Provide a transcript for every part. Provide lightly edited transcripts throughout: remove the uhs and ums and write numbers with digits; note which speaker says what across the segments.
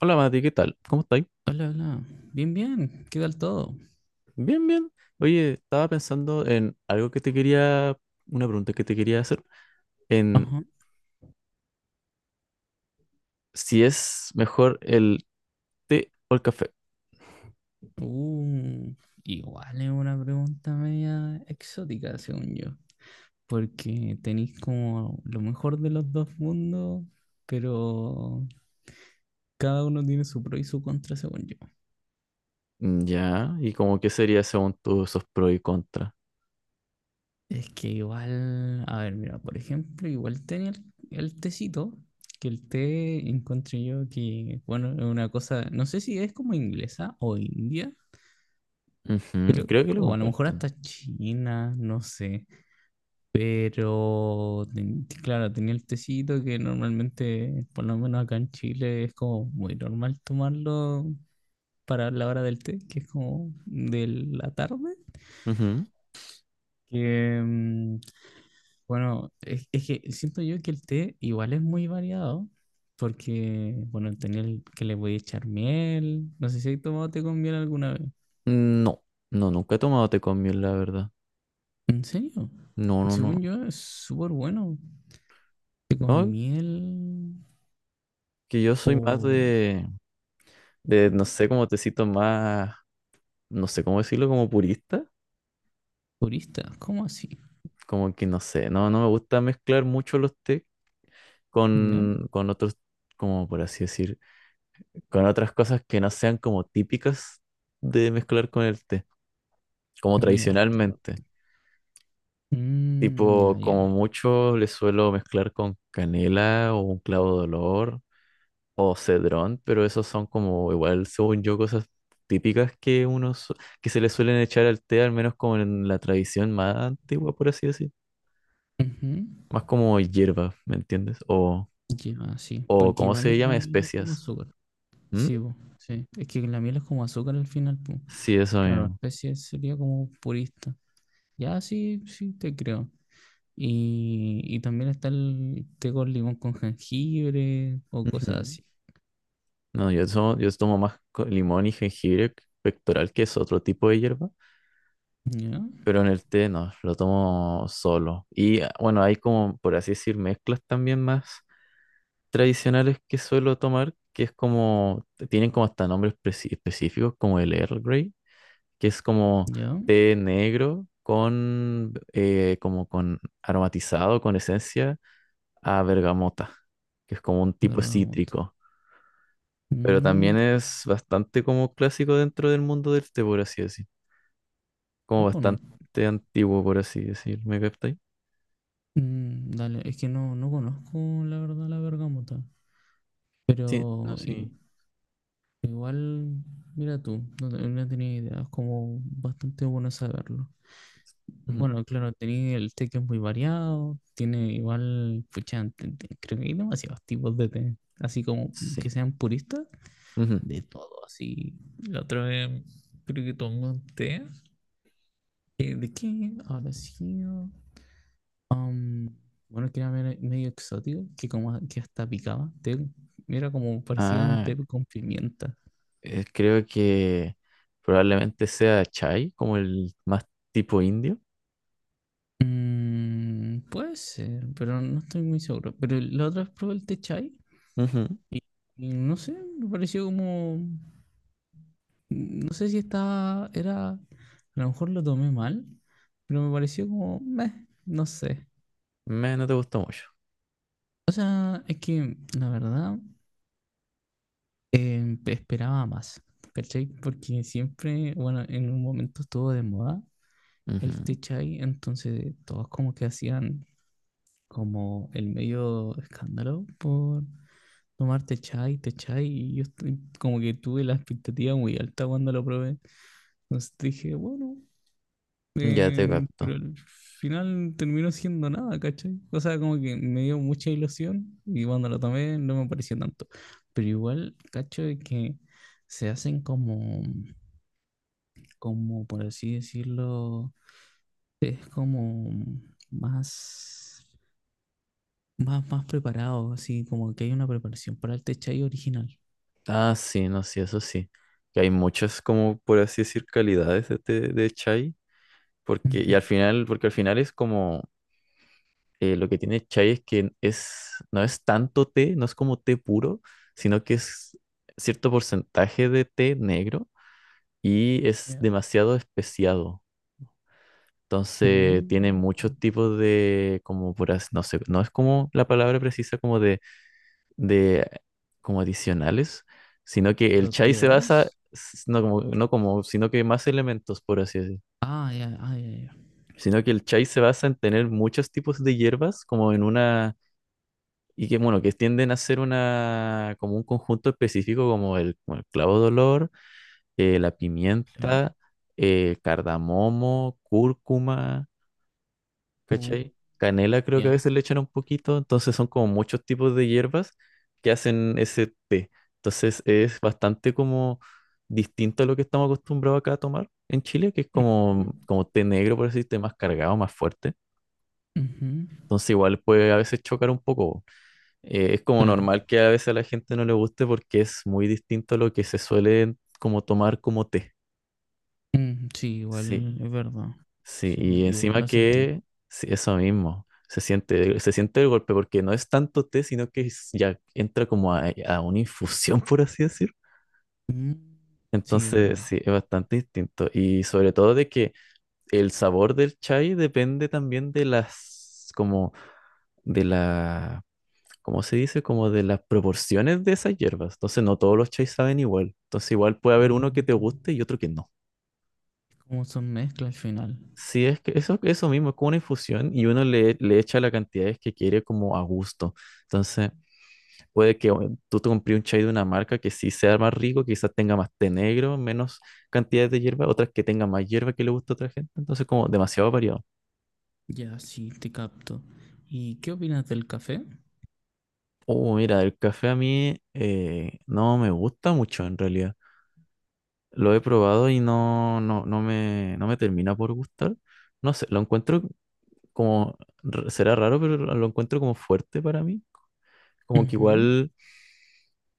Speaker 1: Hola Mati, ¿qué tal? ¿Cómo estáis?
Speaker 2: Hola, hola. Bien, bien. ¿Qué tal todo?
Speaker 1: Bien, bien. Oye, estaba pensando en algo que te quería, una pregunta que te quería hacer, en
Speaker 2: Ajá.
Speaker 1: si es mejor el té o el café.
Speaker 2: Uh, Igual es una pregunta media exótica, según yo. Porque tenéis como lo mejor de los dos mundos, pero cada uno tiene su pro y su contra, según yo.
Speaker 1: Ya, ¿y como qué sería según tú esos pros y contras?
Speaker 2: Es que igual, a ver, mira, por ejemplo, igual tenía el tecito, que el té encontré yo que, bueno, es una cosa, no sé si es como inglesa o india,
Speaker 1: Ujú.
Speaker 2: creo,
Speaker 1: Creo que lo
Speaker 2: o a lo mejor
Speaker 1: comparten.
Speaker 2: hasta china, no sé. Pero, claro, tenía el tecito que normalmente, por lo menos acá en Chile, es como muy normal tomarlo para la hora del té, que es como de la tarde.
Speaker 1: Ujú.
Speaker 2: Que, bueno, es que siento yo que el té igual es muy variado, porque, bueno, tenía el que le voy a echar miel. No sé si he tomado té con miel alguna vez.
Speaker 1: No, no, nunca he tomado té con miel, la verdad.
Speaker 2: ¿En serio?
Speaker 1: No, no, no.
Speaker 2: Según yo, es súper bueno. Té con
Speaker 1: No,
Speaker 2: miel
Speaker 1: que yo
Speaker 2: o...
Speaker 1: soy más de,
Speaker 2: ¿Mm?
Speaker 1: no sé, como tecito más, no sé cómo decirlo, como purista.
Speaker 2: Turista, ¿cómo así?
Speaker 1: Como que no sé, no, no me gusta mezclar mucho los tés.
Speaker 2: ¿Ya?
Speaker 1: Con otros, como por así decir, con otras cosas que no sean como típicas de mezclar con el té, como
Speaker 2: Ya, te
Speaker 1: tradicionalmente.
Speaker 2: capto. Mm, ya,
Speaker 1: Tipo, como
Speaker 2: ya.
Speaker 1: mucho le suelo mezclar con canela o un clavo de olor o cedrón, pero esos son como igual, según yo, cosas típicas que que se le suelen echar al té, al menos como en la tradición más antigua, por así decir.
Speaker 2: Ujú.
Speaker 1: Más como hierba, ¿me entiendes? O,
Speaker 2: Ya, sí.
Speaker 1: o
Speaker 2: Porque
Speaker 1: ¿cómo
Speaker 2: igual
Speaker 1: se
Speaker 2: la
Speaker 1: llama?
Speaker 2: miel es como
Speaker 1: Especias.
Speaker 2: azúcar.
Speaker 1: ¿Mm?
Speaker 2: Sí, po, sí. Es que la miel es como azúcar al final, po.
Speaker 1: Sí, eso
Speaker 2: Claro,
Speaker 1: mismo.
Speaker 2: especie sería como purista. Ya, sí, sí, te creo. Y también está el té con limón con jengibre o
Speaker 1: Ujú.
Speaker 2: cosas así.
Speaker 1: No, yo tomo más limón y jengibre pectoral, que es otro tipo de hierba,
Speaker 2: Ya,
Speaker 1: pero en el té no, lo tomo solo. Y bueno, hay como, por así decir, mezclas también más tradicionales que suelo tomar, que es como, tienen como hasta nombres específicos, como el Earl Grey, que es como
Speaker 2: ya.
Speaker 1: té negro con, como con aromatizado, con esencia a bergamota, que es como un tipo
Speaker 2: Bergamota.
Speaker 1: cítrico. Pero
Speaker 2: Mm,
Speaker 1: también es bastante como clásico dentro del mundo del té, por así decir. Como
Speaker 2: no
Speaker 1: bastante
Speaker 2: conozco.
Speaker 1: antiguo, por así decir. ¿Me captáis?
Speaker 2: Mm, dale, es que no, no conozco la verdad la bergamota.
Speaker 1: Sí, no,
Speaker 2: Pero
Speaker 1: sí.
Speaker 2: i- Igual, mira tú, no, no tenía idea, es como bastante bueno saberlo.
Speaker 1: Ujú.
Speaker 2: Bueno, claro, tenía el té que es muy variado, tiene igual, pucha, creo que hay demasiados tipos de té, así como que
Speaker 1: Sí.
Speaker 2: sean puristas,
Speaker 1: Ujú.
Speaker 2: de todo, así. La otra vez creo que tomé un té. ¿De qué? Ahora sí. Um, bueno, que era medio exótico, que como que hasta picaba. Té, era como parecía un
Speaker 1: Ah,
Speaker 2: té con pimienta.
Speaker 1: creo que probablemente sea chai, como el más tipo indio.
Speaker 2: Mm, puede ser, pero no estoy muy seguro. Pero la otra vez probé el té chai
Speaker 1: Ujú.
Speaker 2: y no sé, me pareció como mm, no sé si estaba. Era. A lo mejor lo tomé mal, pero me pareció como meh, no sé.
Speaker 1: No te gustó mucho.
Speaker 2: O sea, es que la verdad esperaba más, ¿cachai? Porque siempre, bueno, en un momento estuvo de moda el té
Speaker 1: Ujú.
Speaker 2: chai, entonces todos como que hacían como el medio escándalo por tomarte chai, te chai, y como que tuve la expectativa muy alta cuando lo probé. Entonces dije, bueno,
Speaker 1: Ya te
Speaker 2: pero
Speaker 1: capto.
Speaker 2: al final terminó siendo nada, ¿cachai? O sea, como que me dio mucha ilusión y cuando lo tomé no me pareció tanto. Pero igual, cacho, de que se hacen como, como por así decirlo, es como más, más preparado, así como que hay una preparación para el té chai original.
Speaker 1: Ah, sí, no, sí, eso sí. Que hay muchas, como por así decir, calidades de chai. Porque, y
Speaker 2: Ujú.
Speaker 1: al final, porque al final es como, lo que tiene chai es que es, no es tanto té, no es como té puro, sino que es cierto porcentaje de té negro y es
Speaker 2: Ya.
Speaker 1: demasiado especiado. Entonces tiene
Speaker 2: Mm.
Speaker 1: muchos tipos de, como por así, no sé, no es como la palabra precisa como de como adicionales, sino que el chai se basa,
Speaker 2: Propiedades.
Speaker 1: no como, sino que más elementos, por así decir.
Speaker 2: Ah, ya, ah, ya, ya.
Speaker 1: Sino que el chai se basa en tener muchos tipos de hierbas, como en una. Y que, bueno, que tienden a ser como un conjunto específico como el clavo de olor, la
Speaker 2: Claro.
Speaker 1: pimienta, cardamomo, cúrcuma,
Speaker 2: Oh,
Speaker 1: ¿cachai? Canela creo que a
Speaker 2: ya.
Speaker 1: veces le echan un poquito, entonces son como muchos tipos de hierbas que hacen ese té. Entonces es bastante como distinto a lo que estamos acostumbrados acá a tomar en Chile, que es
Speaker 2: Ujú,
Speaker 1: como, té negro, por así decirte, más cargado, más fuerte.
Speaker 2: ujú.
Speaker 1: Entonces igual puede a veces chocar un poco. Es como
Speaker 2: Claro.
Speaker 1: normal que a veces a la gente no le guste porque es muy distinto a lo que se suele como tomar como té.
Speaker 2: Mm, sí, igual
Speaker 1: Sí,
Speaker 2: es verdad.
Speaker 1: sí,
Speaker 2: Sí,
Speaker 1: y
Speaker 2: igual
Speaker 1: encima
Speaker 2: lo sentí.
Speaker 1: que sí, eso mismo, se siente el golpe porque no es tanto té, sino que ya entra como a una infusión, por así decir.
Speaker 2: Mm, sí,
Speaker 1: Entonces,
Speaker 2: verdad.
Speaker 1: sí, es bastante distinto. Y sobre todo de que el sabor del chai depende también de las, como, de la, ¿cómo se dice? Como de las proporciones de esas hierbas. Entonces no todos los chais saben igual. Entonces igual puede haber
Speaker 2: Ah,
Speaker 1: uno que te guste y otro que no.
Speaker 2: como son mezcla al final.
Speaker 1: Sí, es que eso mismo, es como una infusión y uno le echa las cantidades que quiere como a gusto. Entonces puede que bueno, tú te compres un chai de una marca que sí sea más rico, quizás tenga más té negro, menos cantidad de hierba, otras que tengan más hierba que le gusta a otra gente. Entonces como demasiado variado.
Speaker 2: Ya, sí, te capto. ¿Y qué opinas del café?
Speaker 1: Oh, mira, el café a mí no me gusta mucho en realidad. Lo he probado y no me termina por gustar. No sé, lo encuentro como, será raro, pero lo encuentro como fuerte para mí. Como que
Speaker 2: Ujú.
Speaker 1: igual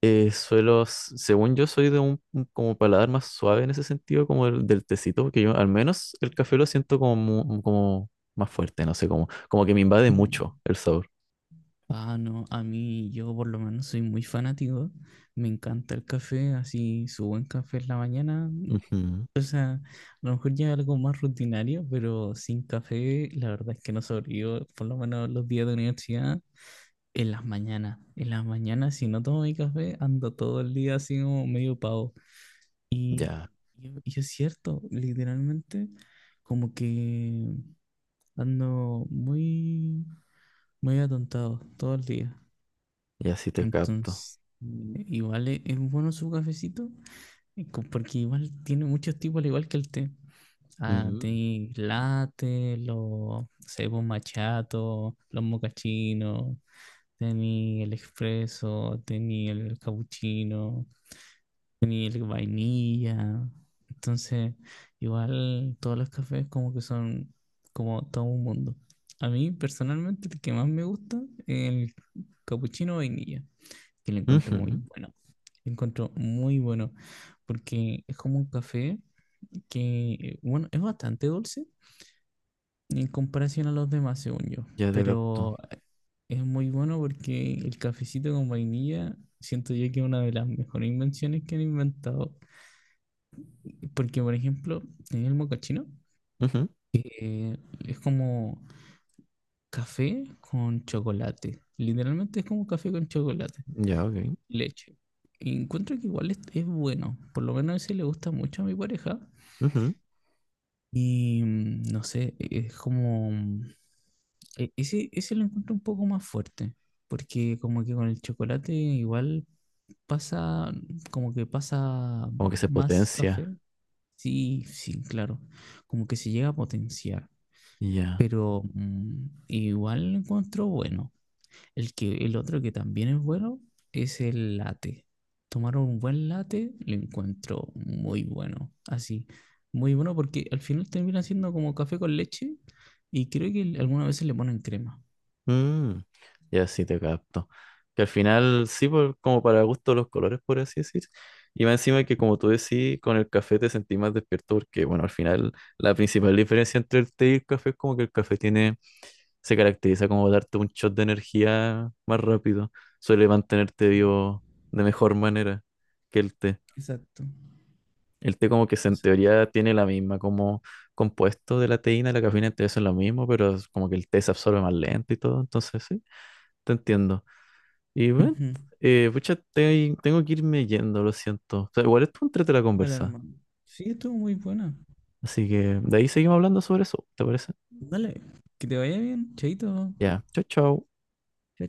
Speaker 1: según yo soy de un como paladar más suave en ese sentido, como el del tecito, porque yo al menos el café lo siento como, como más fuerte, no sé, como que me invade
Speaker 2: mm.
Speaker 1: mucho el sabor.
Speaker 2: Ah, no, a mí yo por lo menos soy muy fanático. Me encanta el café, así su buen café en la mañana.
Speaker 1: Ujú.
Speaker 2: O sea, a lo mejor ya algo más rutinario, pero sin café, la verdad es que no sobrevivo, por lo menos los días de universidad, en las mañanas. En las mañanas, si no tomo mi café, ando todo el día así como medio pavo. Y,
Speaker 1: Ya,
Speaker 2: y es cierto, literalmente, como que ando muy, muy atontado todo el día.
Speaker 1: ya sí te capto.
Speaker 2: Entonces, igual es bueno su cafecito, porque igual tiene muchos tipos, al igual que el té. Ah,
Speaker 1: Mm,
Speaker 2: tenéis latte, los cebos machatos, los mocachinos, tení el expreso, tení el capuchino, tení el vainilla. Entonces, igual todos los cafés como que son como todo un mundo. A mí personalmente el que más me gusta es el capuchino vainilla, que lo encuentro muy
Speaker 1: ujú.
Speaker 2: bueno. Lo encuentro muy bueno porque es como un café que, bueno, es bastante dulce en comparación a los demás, según yo.
Speaker 1: Ya te capto.
Speaker 2: Pero es muy bueno porque el cafecito con vainilla, siento yo que es una de las mejores invenciones que han inventado. Porque, por ejemplo, en el mocachino
Speaker 1: Ujú.
Speaker 2: eh, es como café con chocolate. Literalmente es como café con chocolate,
Speaker 1: Ya, ok.
Speaker 2: leche. Y encuentro que igual es bueno. Por lo menos ese le gusta mucho a mi pareja.
Speaker 1: Ujú.
Speaker 2: Y no sé, es como... Ese, ese lo encuentro un poco más fuerte, porque como que con el chocolate igual pasa, como que pasa
Speaker 1: Como que se
Speaker 2: más
Speaker 1: potencia.
Speaker 2: café. Sí, sí, claro, como que se llega a potenciar,
Speaker 1: Ya.
Speaker 2: pero igual lo encuentro bueno. El que, el otro que también es bueno es el latte. Tomar un buen latte lo encuentro muy bueno. Así, muy bueno porque al final termina siendo como café con leche y creo que algunas veces le ponen crema.
Speaker 1: Mm, ya sí te capto. Que al final, sí, como para gusto los colores, por así decir. Y más encima que, como tú decís, con el café te sentís más despierto porque, bueno, al final la principal diferencia entre el té y el café es como que el café tiene, se caracteriza como darte un shot de energía más rápido. Suele mantenerte
Speaker 2: Sí,
Speaker 1: vivo de mejor manera que el té.
Speaker 2: exacto.
Speaker 1: El té como que en
Speaker 2: Exacto.
Speaker 1: teoría tiene la misma como compuesto de la teína, la cafeína, entonces es lo mismo, pero es como que el té se absorbe más lento y todo, entonces sí, te entiendo. Y bueno,
Speaker 2: Ujú.
Speaker 1: pucha, tengo que irme yendo, lo siento. O sea, igual estuvo entrete la
Speaker 2: Dale,
Speaker 1: conversa.
Speaker 2: hermano. Sí, estuvo muy buena.
Speaker 1: Así que de ahí seguimos hablando sobre eso, ¿te parece?
Speaker 2: Dale, que te vaya bien, chaito.
Speaker 1: Ya, chao, chao.
Speaker 2: Chao,